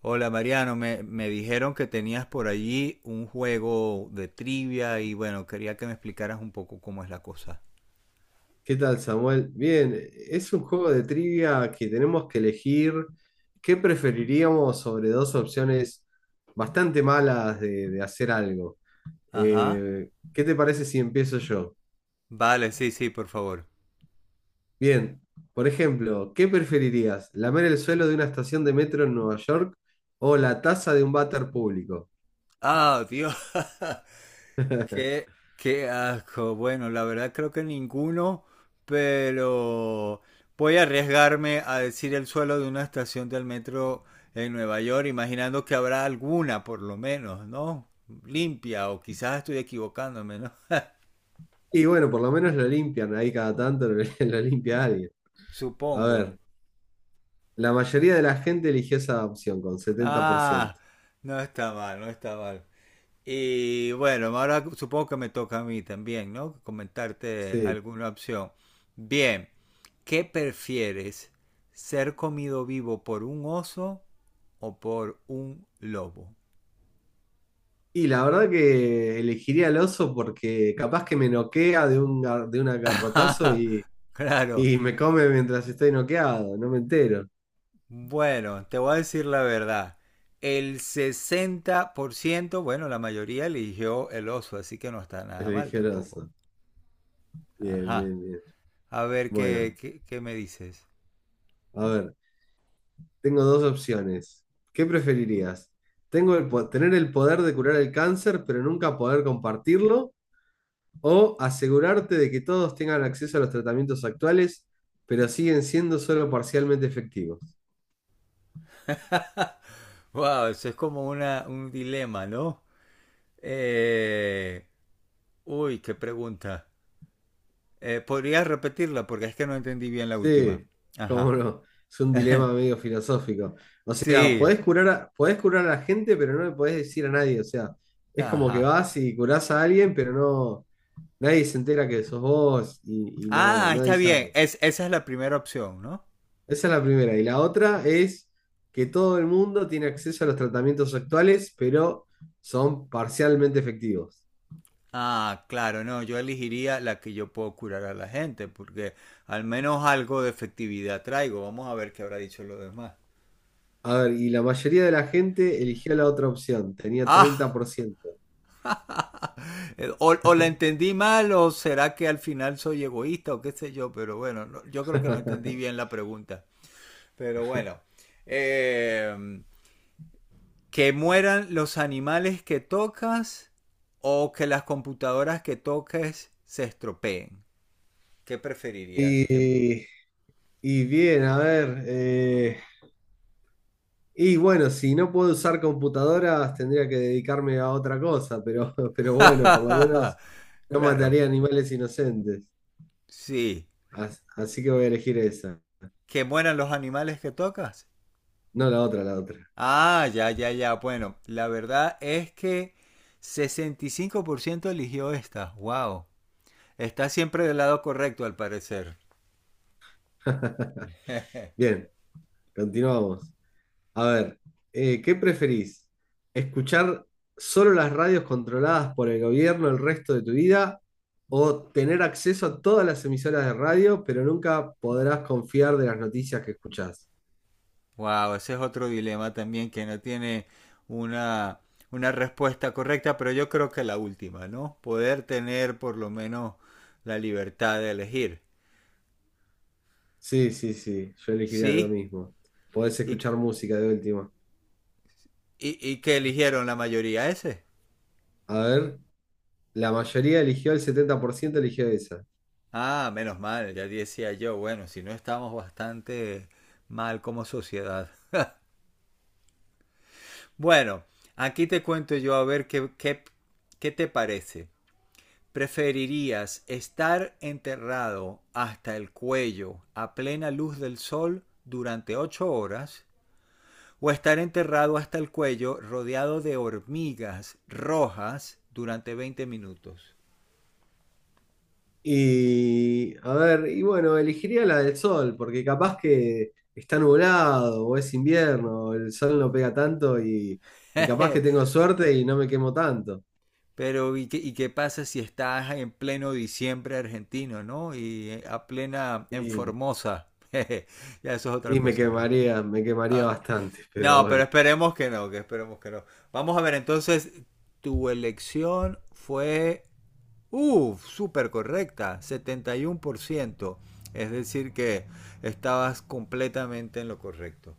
Hola Mariano, me dijeron que tenías por allí un juego de trivia y bueno, quería que me explicaras un poco cómo es la cosa. ¿Qué tal, Samuel? Bien, es un juego de trivia que tenemos que elegir qué preferiríamos sobre dos opciones bastante malas de hacer algo. Ajá. ¿qué te parece si empiezo yo? Vale, sí, sí, por favor. Bien, por ejemplo, ¿qué preferirías? ¿Lamer el suelo de una estación de metro en Nueva York o la taza de un váter público? Ah, Dios. Qué, qué asco. Bueno, la verdad creo que ninguno, pero voy a arriesgarme a decir el suelo de una estación del metro en Nueva York, imaginando que habrá alguna, por lo menos, ¿no? Limpia, o quizás estoy equivocándome, ¿no? Y bueno, por lo menos lo limpian, ahí cada tanto limpia alguien. A Supongo. ver, la mayoría de la gente eligió esa opción con setenta por Ah, ciento. no está mal, no está mal. Y bueno, ahora supongo que me toca a mí también, ¿no? Comentarte Sí. alguna opción. Bien, ¿qué prefieres? ¿Ser comido vivo por un oso o por un lobo? Y la verdad que elegiría al oso porque capaz que me noquea de de un garrotazo Claro. y me come mientras estoy noqueado, no me entero. Bueno, te voy a decir la verdad. El 60%, bueno, la mayoría eligió el oso, así que no está nada mal Elegí al tampoco. oso. Bien, Ajá. bien, bien. A ver Bueno, qué me dices. a ver, tengo dos opciones. ¿Qué preferirías? Tener el poder de curar el cáncer, pero nunca poder compartirlo, o asegurarte de que todos tengan acceso a los tratamientos actuales, pero siguen siendo solo parcialmente efectivos. Wow, eso es como un dilema, ¿no? Eh, uy, qué pregunta. ¿Podrías repetirla? Porque es que no entendí bien la última. Sí, cómo Ajá. no. Es un dilema medio filosófico. O sea, Sí. Podés curar a la gente, pero no le podés decir a nadie. O sea, es como que Ajá. vas y curás a alguien, pero nadie se entera que sos vos y no, Ah, está nadie bien. sabe. Esa es la primera opción, ¿no? Esa es la primera. Y la otra es que todo el mundo tiene acceso a los tratamientos actuales, pero son parcialmente efectivos. Ah, claro, no, yo elegiría la que yo puedo curar a la gente, porque al menos algo de efectividad traigo. Vamos a ver qué habrá dicho los demás. A ver, y la mayoría de la gente eligió la otra opción, tenía treinta Ah, por ciento la entendí mal o será que al final soy egoísta o qué sé yo, pero bueno, no, yo creo que no entendí bien la pregunta. Pero bueno, eh, que mueran los animales que tocas o que las computadoras que toques se estropeen. ¿Qué preferirías? Que... Y, y bien, a ver. Y bueno, si no puedo usar computadoras, tendría que dedicarme a otra cosa, pero, pero bueno, por lo menos no claro, mataría animales inocentes. sí. Así que voy a elegir esa, Que mueran los animales que tocas. no la otra, la otra. Ah, ya, ya, ya. Bueno, la verdad es que 65% eligió esta. Wow. Está siempre del lado correcto, al parecer. Bien, continuamos. A ver, ¿qué preferís? ¿Escuchar solo las radios controladas por el gobierno el resto de tu vida o tener acceso a todas las emisoras de radio, pero nunca podrás confiar de las noticias que escuchás? Wow, ese es otro dilema también que no tiene una, una respuesta correcta, pero yo creo que la última, ¿no? Poder tener por lo menos la libertad de elegir. Sí, sí, sí, yo elegiría lo ¿Sí? mismo. Podés ¿Y, escuchar música de última. Y qué eligieron la mayoría ese? A ver, el 70% eligió esa. Ah, menos mal, ya decía yo. Bueno, si no estamos bastante mal como sociedad. Bueno, aquí te cuento yo a ver qué te parece. ¿Preferirías estar enterrado hasta el cuello a plena luz del sol durante 8 horas o estar enterrado hasta el cuello rodeado de hormigas rojas durante 20 minutos? Y, a ver, y bueno, elegiría la del sol, porque capaz que está nublado o es invierno, el sol no pega tanto y capaz que tengo suerte y no me quemo tanto. Pero ¿y qué pasa si estás en pleno diciembre argentino, no? Y a plena en Y, Formosa. Ya eso es otra y cosa, ¿no? Me quemaría Ah, bastante, pero no, pero bueno. esperemos que no, que esperemos que no. Vamos a ver, entonces, tu elección fue, uff, súper correcta, 71%, es decir, que estabas completamente en lo correcto.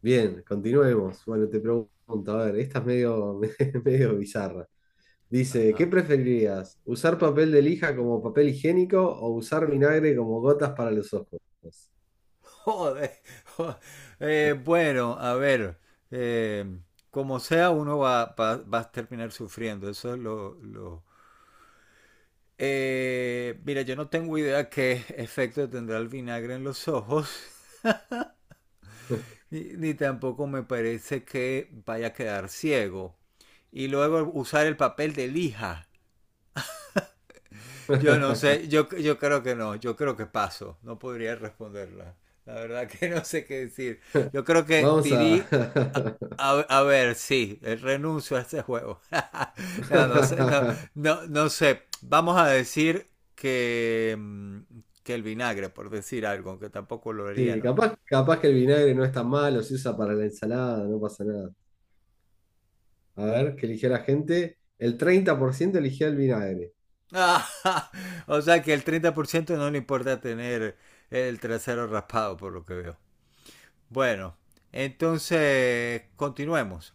Bien, continuemos. Bueno, te pregunto, a ver, esta es medio bizarra. Dice, ¿qué Ajá. preferirías? ¿Usar papel de lija como papel higiénico o usar vinagre como gotas para los ojos? Joder. jo- bueno, a ver, eh, como sea, va a terminar sufriendo. Eso es mira, yo no tengo idea qué efecto tendrá el vinagre en los ojos. Ni tampoco me parece que vaya a quedar ciego. Y luego usar el papel de lija. Yo creo que no, yo creo que paso, no podría responderla. La verdad que no sé qué decir. Yo creo que Vamos a... a, a ver, sí, renuncio a este juego. No, no sé, no sé. Vamos a decir que, que el vinagre, por decir algo, aunque tampoco lo haría, Sí, ¿no? Capaz que el vinagre no es tan malo, se usa para la ensalada, no pasa nada. A ver, ¿qué eligió la gente? El 30% eligió el vinagre. Ah, o sea que el 30% no le importa tener el trasero raspado, por lo que veo. Bueno, entonces continuemos.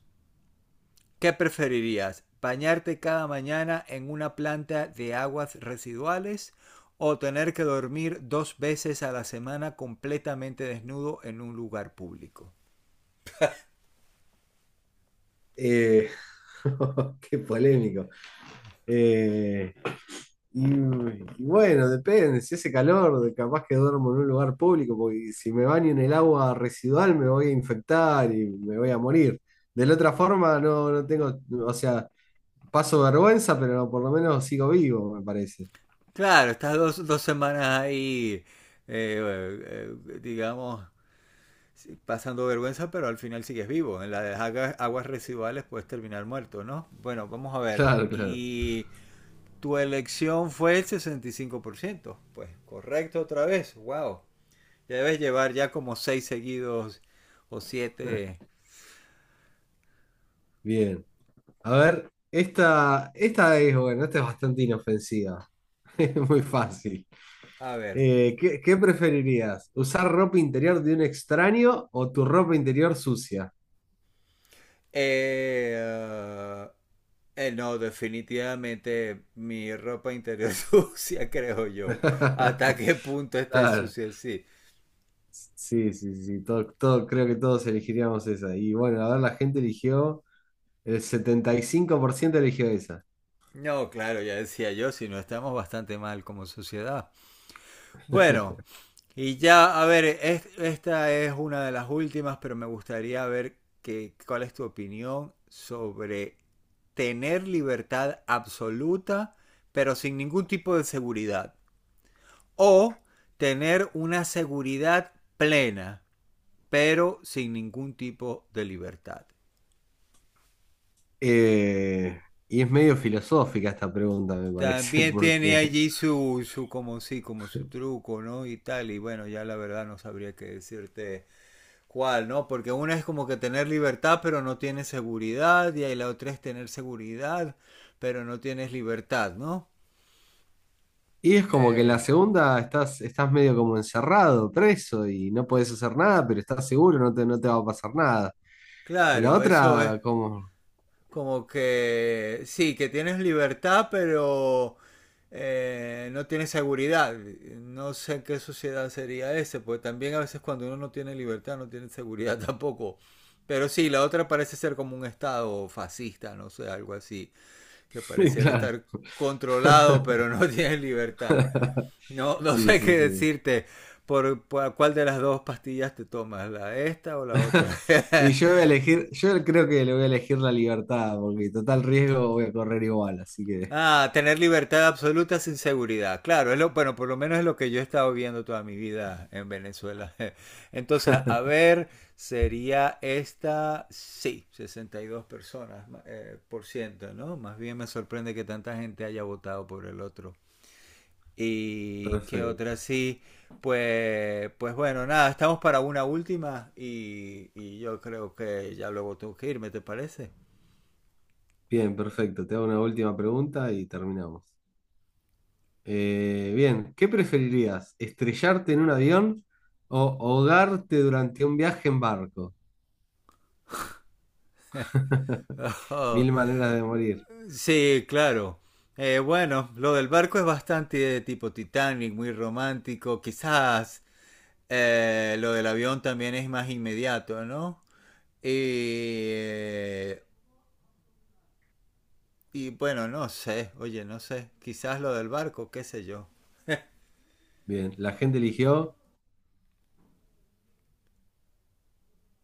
¿Qué preferirías? ¿Bañarte cada mañana en una planta de aguas residuales o tener que dormir dos veces a la semana completamente desnudo en un lugar público? Eh, Qué polémico. Eh, y, y bueno, depende, si hace calor, capaz que duermo en un lugar público, porque si me baño en el agua residual me voy a infectar y me voy a morir. De la otra forma, no tengo, o sea, paso vergüenza, pero no, por lo menos sigo vivo, me parece. Claro, estas dos semanas ahí, digamos, sí, pasando vergüenza, pero al final sigues vivo. En las aguas, residuales puedes terminar muerto, ¿no? Bueno, vamos a ver. Claro, claro. Y tu elección fue el 65%. Pues correcto otra vez. Wow. Ya debes llevar ya como seis seguidos o siete. Bien. A ver, esta es, bueno, esta es bastante inofensiva. Es muy fácil. A ver. ¿ qué preferirías? ¿Usar ropa interior de un extraño o tu ropa interior sucia? Eh, uh, no, definitivamente mi ropa interior sucia, creo yo. ¿Hasta qué punto está Claro. sucia? Sí. Sí, sí, sí, creo que todos elegiríamos esa. Y bueno, a ver, el 75% eligió esa. No, claro, ya decía yo, si no estamos bastante mal como sociedad. Bueno, y ya, a ver, esta es una de las últimas, pero me gustaría ver que, cuál es tu opinión sobre tener libertad absoluta, pero sin ningún tipo de seguridad. O tener una seguridad plena, pero sin ningún tipo de libertad. Eh, y es medio filosófica esta pregunta, me parece, También tiene porque... allí su como sí, como su truco, ¿no? Y tal, y bueno, ya la verdad no sabría qué decirte cuál, ¿no? Porque una es como que tener libertad, pero no tienes seguridad, y ahí la otra es tener seguridad, pero no tienes libertad, ¿no? Y es como que en la Eh, segunda estás medio como encerrado, preso, y no puedes hacer nada, pero estás seguro, no te va a pasar nada. Y la claro, eso es, otra, como... como que sí, que tienes libertad, pero no tienes seguridad. No sé en qué sociedad sería ese, porque también a veces cuando uno no tiene libertad, no tiene seguridad tampoco. Pero sí, la otra parece ser como un estado fascista, no sé, algo así, que pareciera Claro. estar controlado, pero no tiene libertad. No, no Sí, sé sí, qué sí. decirte por cuál de las dos pastillas te tomas, la esta o la otra. Yo creo que le voy a elegir la libertad, porque total riesgo voy a correr igual, así que Ah, tener libertad absoluta sin seguridad. Claro, es lo, bueno, por lo menos es lo que yo he estado viendo toda mi vida en Venezuela. Entonces, a ver, sería esta, sí, 62 personas por ciento, ¿no? Más bien me sorprende que tanta gente haya votado por el otro. ¿Y qué perfecto. otra sí? Pues, pues bueno, nada, estamos para una última y yo creo que ya luego tengo que irme, ¿te parece? Bien, perfecto. Te hago una última pregunta y terminamos. Bien, ¿qué preferirías? ¿Estrellarte en un avión o ahogarte durante un viaje en barco? Mil maneras de morir. Sí, claro. Bueno, lo del barco es bastante de tipo Titanic, muy romántico. Quizás lo del avión también es más inmediato, ¿no? Y, eh, y bueno, no sé, oye, no sé. Quizás lo del barco, qué sé yo. Bien, la gente eligió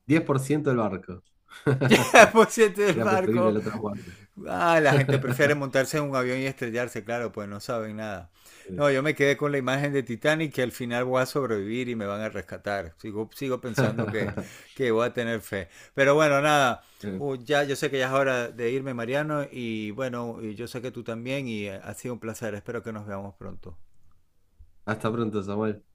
10% del barco. Por cierto, el Era preferible barco. la otra muerte. Ah, la gente prefiere montarse en un avión y estrellarse, claro, pues no saben nada. Sí. No, yo me quedé con la imagen de Titanic que al final voy a sobrevivir y me van a rescatar. Sigo pensando que voy a tener fe. Pero bueno, nada. Ya, yo sé que ya es hora de irme, Mariano, y bueno, y yo sé que tú también, y ha sido un placer. Espero que nos veamos pronto. Hasta pronto, Samuel.